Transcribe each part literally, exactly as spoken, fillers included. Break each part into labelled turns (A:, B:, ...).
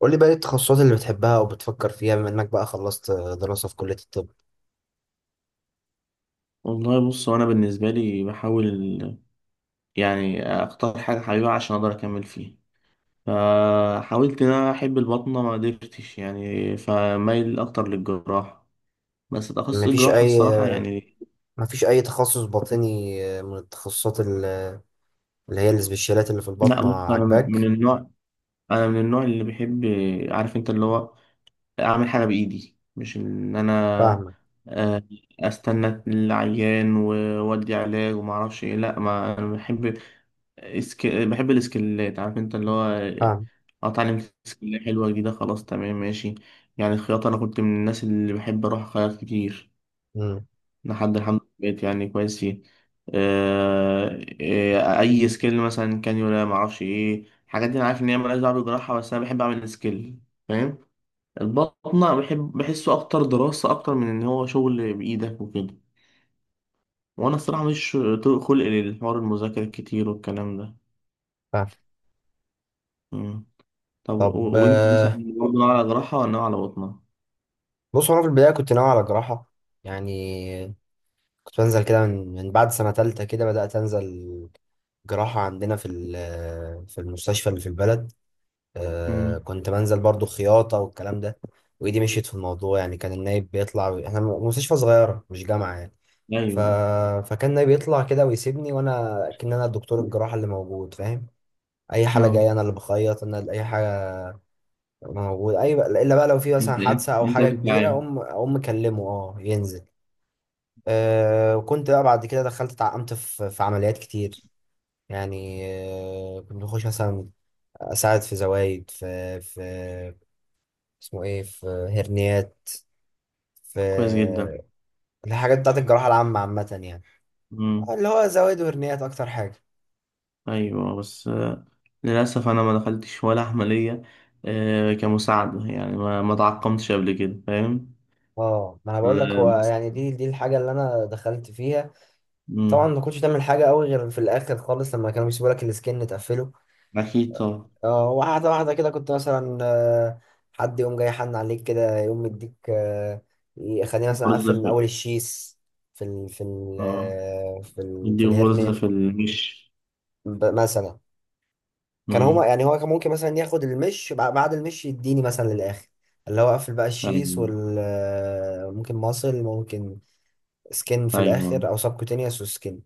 A: قول لي بقى ايه التخصصات اللي بتحبها او بتفكر فيها بما انك بقى خلصت دراسة في كلية الطب؟
B: والله بص هو انا بالنسبه لي بحاول يعني اختار حاجه حبيبه عشان اقدر اكمل فيها. فحاولت ان انا احب البطنه ما قدرتش يعني فمايل اكتر للجراحه. بس تخصص
A: مفيش
B: الجراحه
A: اي
B: الصراحه يعني.
A: مفيش اي تخصص باطني من التخصصات ال- اللي هي السبيشالات اللي في
B: لا
A: الباطنة
B: بص انا من
A: عاجباك؟
B: النوع انا من النوع اللي بيحب عارف انت اللي هو اعمل حاجه بايدي مش ان انا.
A: فاهمك.
B: آه، استنى العيان وودي علاج وما اعرفش ايه. لا ما انا بحب اسك... بحب الاسكلات عارف انت اللي هو آه،
A: فاهم.
B: اتعلم سكيل حلوه جديده خلاص تمام ماشي. يعني الخياطه انا كنت من الناس اللي بحب اروح اخيط كتير
A: امم.
B: لحد الحمد لله بقيت يعني كويس فيه. آه، آه، اي سكيل مثلا كانيولا ما اعرفش ايه الحاجات دي انا عارف ان هي مالهاش دعوه بالجراحه بس انا بحب اعمل سكيل فاهم. البطنة بحب بحسه أكتر دراسة أكتر من إن هو شغل بإيدك وكده. وأنا الصراحة مش طول خلق للحوار المذاكرة الكتير والكلام ده.
A: فاهم.
B: مم. طب
A: طب،
B: و- وأنت مثلا
A: آه،
B: برضه ناوي على جراحة ولا ناوي على بطنة؟
A: بص، هو انا في البداية كنت ناوي على جراحة. يعني كنت بنزل كده من من بعد سنة تالتة، كده بدأت انزل جراحة عندنا في ال- في المستشفى اللي في البلد. آه
B: مم.
A: كنت بنزل برضو خياطة والكلام ده. وإيدي مشيت في الموضوع، يعني كان النايب بيطلع، إحنا م- مستشفى صغيرة، مش جامعة يعني. ف...
B: أيوه
A: فكان النايب يطلع كده ويسيبني، وأنا كأن أنا الدكتور الجراحة اللي موجود، فاهم؟ أي حالة
B: أه
A: جاية، أنا اللي بخيط، أنا اللي أي حاجة موجود، أي بقى... إلا بقى لو في مثلا
B: أنت أنت
A: حادثة أو
B: أنت
A: حاجة كبيرة،
B: بتتعامل
A: أقوم أقوم مكلمه أه ينزل. آه وكنت بقى بعد كده دخلت اتعقمت في, في عمليات كتير يعني. آه كنت بخش مثلا اساعد في زوايد، في في اسمه ايه، في هرنيات، في
B: كويس جدا.
A: الحاجات بتاعت الجراحة العامة، عامة يعني.
B: مم.
A: اللي هو زوايد وهرنيات أكتر حاجة.
B: أيوه بس آه، للأسف أنا ما دخلتش ولا عملية. آه، كمساعدة يعني ما ما تعقمتش قبل كده فاهم؟
A: اه ما انا بقول لك،
B: آه،
A: هو يعني
B: بس-
A: دي دي الحاجه اللي انا دخلت فيها. طبعا
B: مم.
A: ما كنتش تعمل حاجه قوي غير في الاخر خالص، لما كانوا بيسيبوا لك السكن تقفله.
B: أكيد طبعا
A: اه واحده واحده كده كنت مثلا، آه، حد يقوم جاي حن عليك كده، يقوم مديك آه، يخليني مثلا اقفل
B: برزة
A: من اول الشيس في ال في ال
B: اه
A: آه، في ال في
B: بدي غرزة في
A: الهرنيه.
B: الوش.
A: ب- مثلا كان هما
B: امم
A: يعني، هو كان ممكن مثلا ياخد المش، بع- بعد المش يديني مثلا للاخر، اللي هو اقفل بقى الشيس،
B: أيوة
A: وال آه، ممكن ماسل، ممكن سكين في
B: أيوة
A: الاخر، او سبكوتينيوس وسكين.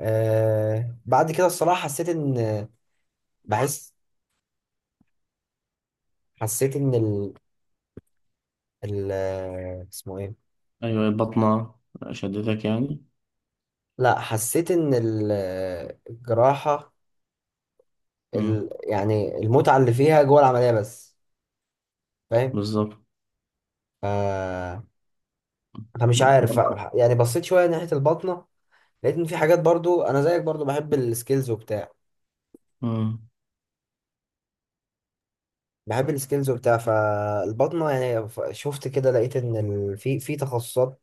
A: آه بعد كده الصراحه، حسيت ان بحس حسيت ان ال, ال... آه، اسمه ايه.
B: أيوة بطنة شدتك يعني.
A: لا، حسيت ان ال... الجراحه، ال...
B: امم
A: يعني المتعه اللي فيها جوه العمليه بس. فاهم.
B: بالظبط
A: آه. فمش عارف
B: بطنة.
A: يعني، بصيت شويه ناحيه البطنه، لقيت ان في حاجات، برضو انا زيك برضو، بحب السكيلز وبتاع
B: امم
A: بحب السكيلز وبتاع فالبطنه يعني، ف- شفت كده، لقيت ان ال- في في تخصصات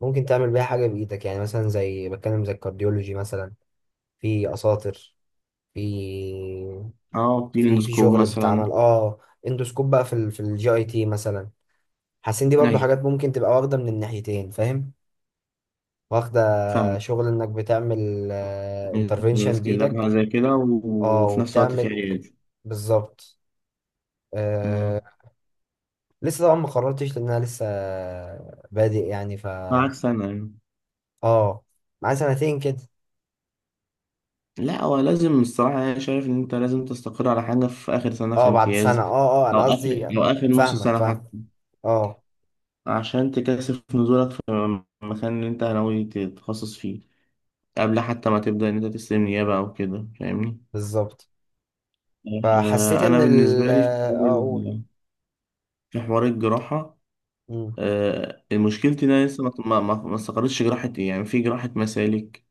A: ممكن تعمل بيها حاجه بايدك، يعني مثلا زي، بتكلم، زي الكارديولوجي مثلا، في اساطر، في
B: أه في
A: في في
B: الاندوسكوب
A: شغل بتعمل
B: مثلا.
A: اه اندوسكوب بقى في ال في الجي اي تي مثلا. حاسس ان دي برضو
B: أيوة
A: حاجات ممكن تبقى واخده من الناحيتين، فاهم؟ واخده
B: فاهم
A: شغل انك بتعمل انترفينشن
B: ماسكين
A: بايدك.
B: لابها زي كده و-
A: اه
B: وفي نفس الوقت في
A: وبتعمل.
B: علاج.
A: بالظبط.
B: امم
A: آه. لسه طبعا ما قررتش، لان انا لسه بادئ يعني، ف
B: معاك سنة يعني.
A: اه معايا سنتين كده.
B: لا هو لازم الصراحة يعني أنا شايف إن أنت لازم تستقر على حاجة في آخر سنة في
A: اه، بعد سنة
B: امتياز
A: اه اه
B: أو
A: انا
B: آخر
A: قصدي.
B: أو آخر نص
A: فاهمك،
B: سنة
A: فاهمك.
B: حتى
A: اه
B: عشان تكثف نزولك في المكان اللي أنت ناوي تتخصص فيه. قبل حتى ما تبدأ إن أنت تستلم نيابة أو كده فاهمني.
A: بالظبط، فحسيت
B: آه،
A: ان
B: أنا
A: ال
B: بالنسبة لي في حوار
A: اه اقول.
B: ال- في حوار الجراحة.
A: مم.
B: آه، مشكلتي إن أنا لسه ما ما ما ما استقرتش جراحة إيه يعني. في جراحة مسالك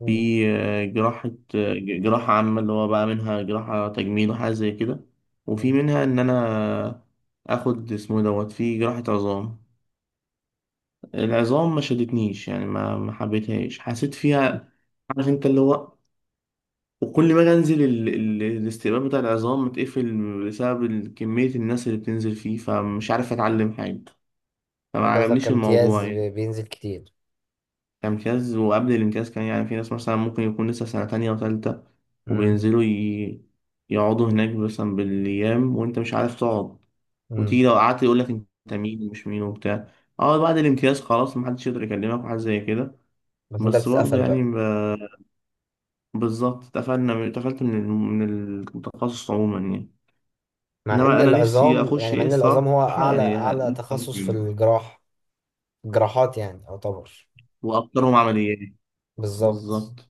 A: مم.
B: في آه، جراحة آه، ج- جراحة عامة اللي هو بقى منها جراحة تجميل وحاجة زي كده. وفي
A: مم.
B: منها إن أنا آخد اسمه دوت في جراحة عظام. العظام ما شدتنيش يعني ما ما حبيتهاش حسيت فيها عارف أنت اللي هو. وكل ما اجي انزل ال... ال... الاستقبال بتاع العظام متقفل بسبب ال- كمية الناس اللي بتنزل فيه فمش عارف اتعلم حاجة. فما
A: انت قصدك
B: عجبنيش الموضوع
A: كامتياز
B: يعني.
A: بينزل كتير؟
B: امتياز وقبل الامتياز كان يعني في ناس مثلا ممكن يكون لسه سنة تانية وتالتة
A: مم.
B: وبينزلوا ي... يقعدوا هناك مثلا بالأيام وأنت مش عارف تقعد.
A: مم.
B: وتيجي لو قعدت يقول لك أنت مين ومش مين وبتاع. أه بعد الامتياز خلاص محدش يقدر يكلمك وحاجة زي كده.
A: بس انت
B: بس برضه
A: بتتقفل
B: يعني
A: بقى.
B: ب- بالظبط اتقفلنا اتقفلت من الم- من التخصص عموما يعني.
A: مع ان
B: انما انا نفسي
A: العظام
B: اخش
A: يعني مع
B: ايه
A: ان
B: الصراحه
A: العظام، هو اعلى
B: يعني ه-
A: اعلى تخصص في الجراح، الجراحات يعني يعتبر.
B: واكثرهم عمليات
A: بالظبط.
B: بالظبط.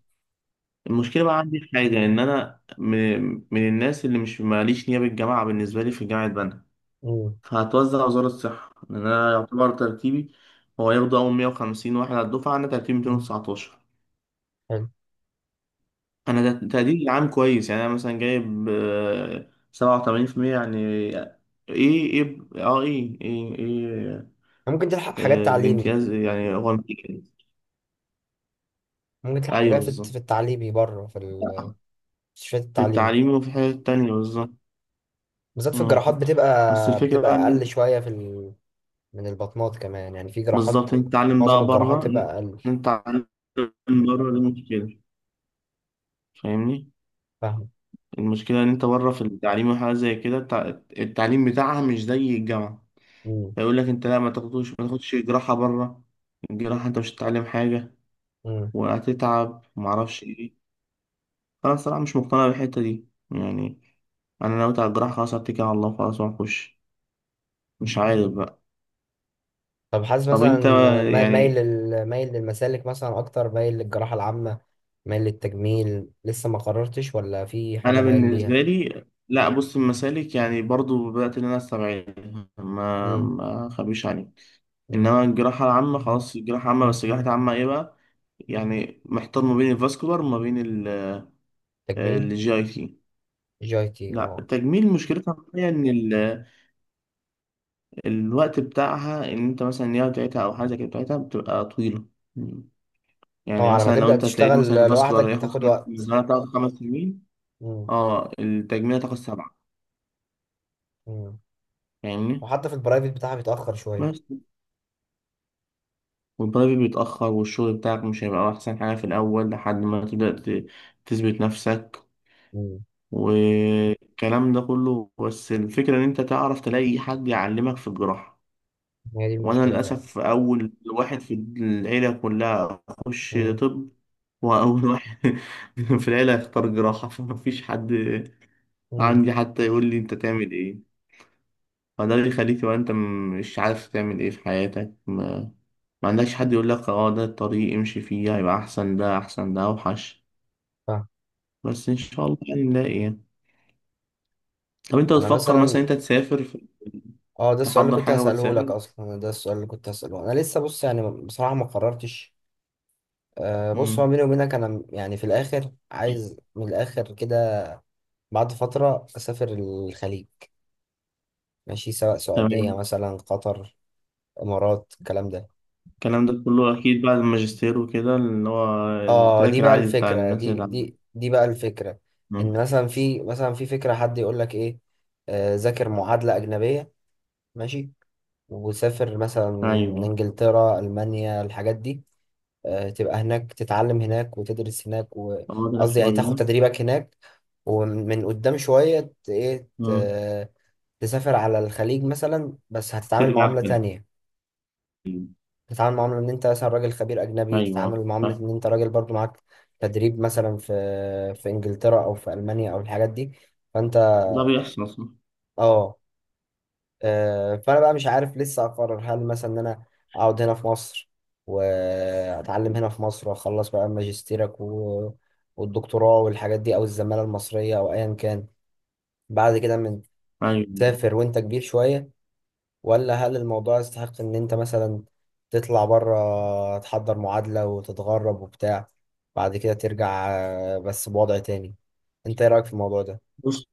B: المشكله بقى عندي في حاجه ان انا من, من الناس اللي مش ماليش نيابه. الجامعه بالنسبه لي في جامعه بنها
A: مم.
B: فهتوزع وزاره الصحه لان انا يعتبر ترتيبي هو ياخدوا اول مية وخمسين واحد على الدفعه انا ترتيبي
A: مم.
B: مئتين وتسعة عشر.
A: حلو.
B: انا ده- تقديري العام كويس يعني انا مثلا جايب آه، سبعة وثمانين في المية يعني ايه ايه اه ايه ايه, إيه.
A: ممكن تلحق حاجات
B: آه،
A: تعليمي،
B: الامتياز يعني هو امتياز
A: ممكن يطلع
B: ايوه
A: حاجات في في
B: بالظبط.
A: التعليمي بره، في المستشفيات
B: في
A: التعليمي،
B: التعليم وفي حاجات تانية بالظبط.
A: بالذات في
B: مم.
A: الجراحات،
B: بس
A: بتبقى
B: الفكرة بقى
A: بتبقى
B: إن
A: أقل شوية في ال... من البطنات كمان، يعني في جراحات،
B: بالظبط إن تتعلم
A: معظم
B: بقى
A: الجراحات
B: بره. إن
A: تبقى أقل.
B: إن تتعلم بره دي مشكلة فاهمني؟
A: فاهم.
B: المشكلة إن أنت بره في التعليم وحاجة زي كده التع- التعليم بتاعها مش زي الجامعة.
A: مم.
B: فيقول لك أنت لا ما تاخدوش ما تاخدش جراحة بره. الجراحة أنت مش هتتعلم حاجة
A: مم.
B: وهتتعب ومعرفش إيه. أنا الصراحة مش مقتنع بالحتة دي يعني. أنا ناوي على الجراحة خلاص هتكل على الله خلاص وهخش مش عارف بقى.
A: طب، حاسس
B: طب
A: مثلا،
B: أنت
A: ما- مايل
B: يعني
A: لل... مايل للمسالك مثلا، أكتر مايل للجراحة العامة، مايل للتجميل؟ لسه ما قررتش، ولا في حاجة
B: انا
A: مايل ليها؟
B: بالنسبه لي لا بص المسالك يعني برضو بدات ان انا استبعدها ما
A: مم.
B: ما اخبيش عليك.
A: مم.
B: انما الجراحه العامه خلاص الجراحه العامه بس الجراحه العامه ايه بقى. يعني محتار ما بين الفاسكولار وما بين
A: تجميل.
B: الجي اي تي.
A: جايتي،
B: لا
A: اه.
B: التجميل مشكلتها هي ان ال- الوقت بتاعها ان انت مثلا النيابه بتاعتها او حاجه زي كده بتاعتها بتبقى طويله. يعني
A: اه على ما
B: مثلا لو
A: تبدأ
B: انت هتلاقيت مثلا
A: تشتغل لوحدك
B: الفاسكولار هياخد
A: بتاخد
B: خمس
A: وقت.
B: الزمالة بتاخد خمس سنين.
A: مم.
B: اه التجميل هتاخد سبعه
A: مم.
B: فاهمني.
A: وحتى في البرايفت بتاعها بيتأخر شوية.
B: بس والبرايفت بيتأخر والشغل بتاعك مش هيبقى أحسن حاجة في الأول لحد ما تبدأ ت- تثبت نفسك
A: مم.
B: والكلام ده كله. بس الفكرة إن أنت تعرف تلاقي حد يعلمك في الجراحة.
A: هي دي
B: وأنا
A: المشكلة فعلا.
B: للأسف أول واحد في العيلة كلها أخش
A: مم.
B: طب. وأول واحد في العيلة أختار جراحة فمفيش حد
A: مم.
B: عندي حتى يقول لي أنت تعمل إيه. فده اللي يخليك تبقى أنت مش عارف تعمل إيه في حياتك. ما عندكش حد يقول لك اه ده الطريق امشي فيه هيبقى احسن ده احسن ده اوحش.
A: فاهم.
B: بس ان شاء الله يعني نلاقي يعني. طب انت
A: أنا
B: بتفكر مثلا
A: مثلا،
B: انت تسافر في-
A: اه ده السؤال اللي
B: تحضر
A: كنت
B: حاجة
A: هسأله لك
B: وتسافر.
A: أصلا أنا ده السؤال اللي كنت هسأله. أنا لسه، بص يعني بصراحة ما قررتش. آه بص، هو
B: امم
A: بيني وبينك، أنا م- يعني في الآخر عايز، من الآخر كده، بعد فترة أسافر الخليج، ماشي، سواء سعودية
B: تمام
A: مثلا، قطر، إمارات، الكلام ده.
B: الكلام ده كله اكيد بعد الماجستير وكده اللي هو
A: اه دي
B: التراك
A: بقى
B: العادي بتاع
A: الفكرة،
B: الناس
A: دي
B: اللي عم-
A: دي دي بقى الفكرة،
B: مم.
A: إن مثلا، في مثلا في فكرة، حد يقول لك إيه، آه ذاكر معادلة أجنبية، ماشي، وسافر مثلا،
B: ايوه
A: انجلترا، المانيا، الحاجات دي، آه، تبقى هناك، تتعلم هناك، وتدرس هناك،
B: تقعد لك
A: وقصدي يعني تاخد
B: شوية
A: تدريبك هناك، ومن قدام شوية، ت- ايه
B: مم.
A: ت- تسافر على الخليج مثلا، بس هتتعامل
B: ترجع
A: معاملة
B: حلو
A: تانية، تتعامل معاملة ان انت مثلا راجل خبير اجنبي،
B: ايوه
A: تتعامل معاملة
B: فاهم.
A: ان انت راجل برضو معاك تدريب، مثلا في في انجلترا او في المانيا او الحاجات دي، فانت.
B: وده بيحصل اصلا
A: اه آه، فانا بقى مش عارف لسه اقرر، هل مثلا ان انا اقعد هنا في مصر، واتعلم هنا في مصر، واخلص بقى ماجستيرك و... والدكتوراه والحاجات دي، او الزماله المصريه او ايا كان، بعد كده من
B: ايوه
A: تسافر وانت كبير شويه، ولا هل الموضوع يستحق ان انت مثلا تطلع بره، تحضر معادله وتتغرب وبتاع، بعد كده ترجع، آه، بس بوضع تاني. انت ايه رايك في الموضوع ده؟
B: بص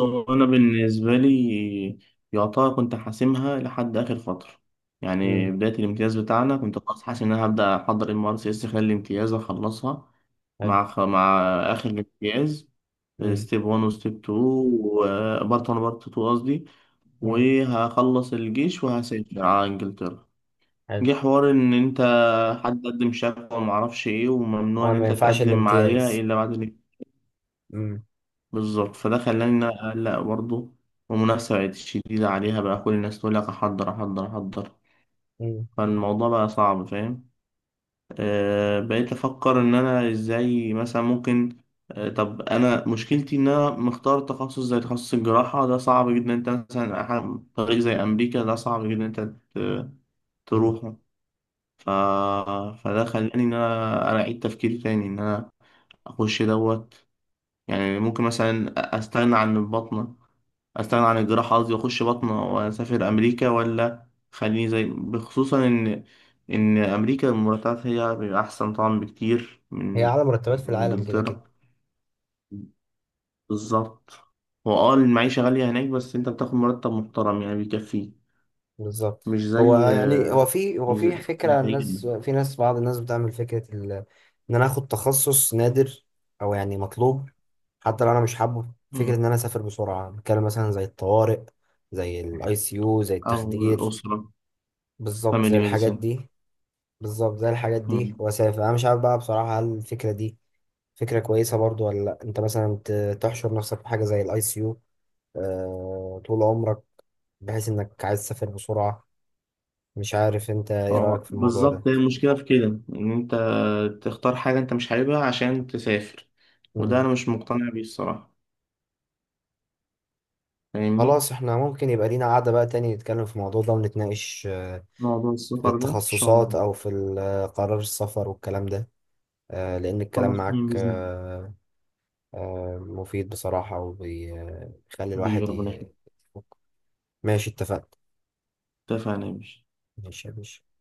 B: هو انا بالنسبه لي يعتبر كنت حاسمها لحد اخر فتره. يعني
A: امم
B: بدايه الامتياز بتاعنا كنت خلاص حاسس ان انا هبدا احضر ام ار سي اس خلال الامتياز واخلصها.
A: حلو.
B: مع خ... مع اخر الامتياز
A: امم
B: ستيب واحد وستيب اتنين وبارت واحد وبارت اتنين قصدي. وهخلص الجيش وهسافر على انجلترا.
A: حلو.
B: جه حوار ان انت حد قدم شكوى ومعرفش ايه وممنوع
A: هو
B: ان
A: ما
B: انت
A: ينفعش
B: تقدم عليها
A: الامتياز؟
B: الا بعد
A: امم.
B: بالظبط. فده خلاني اقلق برضه والمنافسه بقت شديده عليها بقى كل الناس تقول لك احضر احضر احضر. فالموضوع بقى صعب فاهم. أه بقيت افكر ان انا ازاي مثلا ممكن. أه طب انا مشكلتي ان انا مختار تخصص زي تخصص الجراحه ده صعب جدا انت مثلا أح- طريق زي امريكا ده صعب جدا انت ت-
A: مم.
B: تروحه. ف... فده خلاني ان انا انا اعيد تفكيري تاني ان انا اخش دوت. يعني ممكن مثلا استغنى عن البطنه. استغنى عن الجراحة قصدي واخش بطنة واسافر امريكا ولا. خليني زي بخصوصا ان ان امريكا المرتبات هي بيبقى احسن طبعا بكتير
A: هي
B: من
A: أعلى مرتبات
B: من
A: في العالم كده كده.
B: انجلترا بالظبط. هو اه المعيشة غالية هناك بس انت بتاخد مرتب محترم يعني بيكفيك.
A: بالظبط.
B: مش
A: هو
B: زي
A: يعني، هو في هو
B: مش
A: في
B: زي مش
A: فكرة
B: زينا.
A: الناس، في ناس بعض الناس بتعمل فكرة ال... إن أنا آخد تخصص نادر، أو يعني مطلوب. حتى لو أنا مش حابه فكرة إن
B: مم.
A: أنا أسافر بسرعة، بتكلم مثلا زي الطوارئ، زي الأي سي يو، زي
B: او
A: التخدير.
B: الاسرة
A: بالظبط، زي
B: فاميلي
A: الحاجات
B: ميديسين.
A: دي. بالظبط، زي الحاجات دي وأسافر. أنا مش عارف بقى بصراحة، هل الفكرة دي فكرة كويسة برضو، ولا لأ. أنت مثلا ت- تحشر نفسك في حاجة زي الأي سي يو، آه، طول عمرك، بحيث انك عايز تسافر بسرعة. مش عارف، انت ايه رأيك
B: اه
A: في الموضوع ده؟
B: بالظبط هي المشكلة في كده ان انت تختار حاجة انت مش حاببها عشان تسافر. وده
A: مم.
B: انا مش مقتنع بيه الصراحة فاهمني.
A: خلاص، احنا ممكن يبقى لينا قعدة بقى تاني، نتكلم في الموضوع ده ونتناقش آه،
B: موضوع
A: في
B: السفر ده إن شاء
A: التخصصات،
B: الله
A: او في ال- آه، قرار السفر والكلام ده، آه، لان الكلام
B: خلاص بإذن
A: معاك،
B: الله
A: آه، آه، مفيد بصراحة، وبيخلي
B: حبيبي
A: الواحد
B: ربنا يخليك
A: ي- ماشي، اتفقنا.
B: اتفقنا يا باشا.
A: ماشي يا باشا.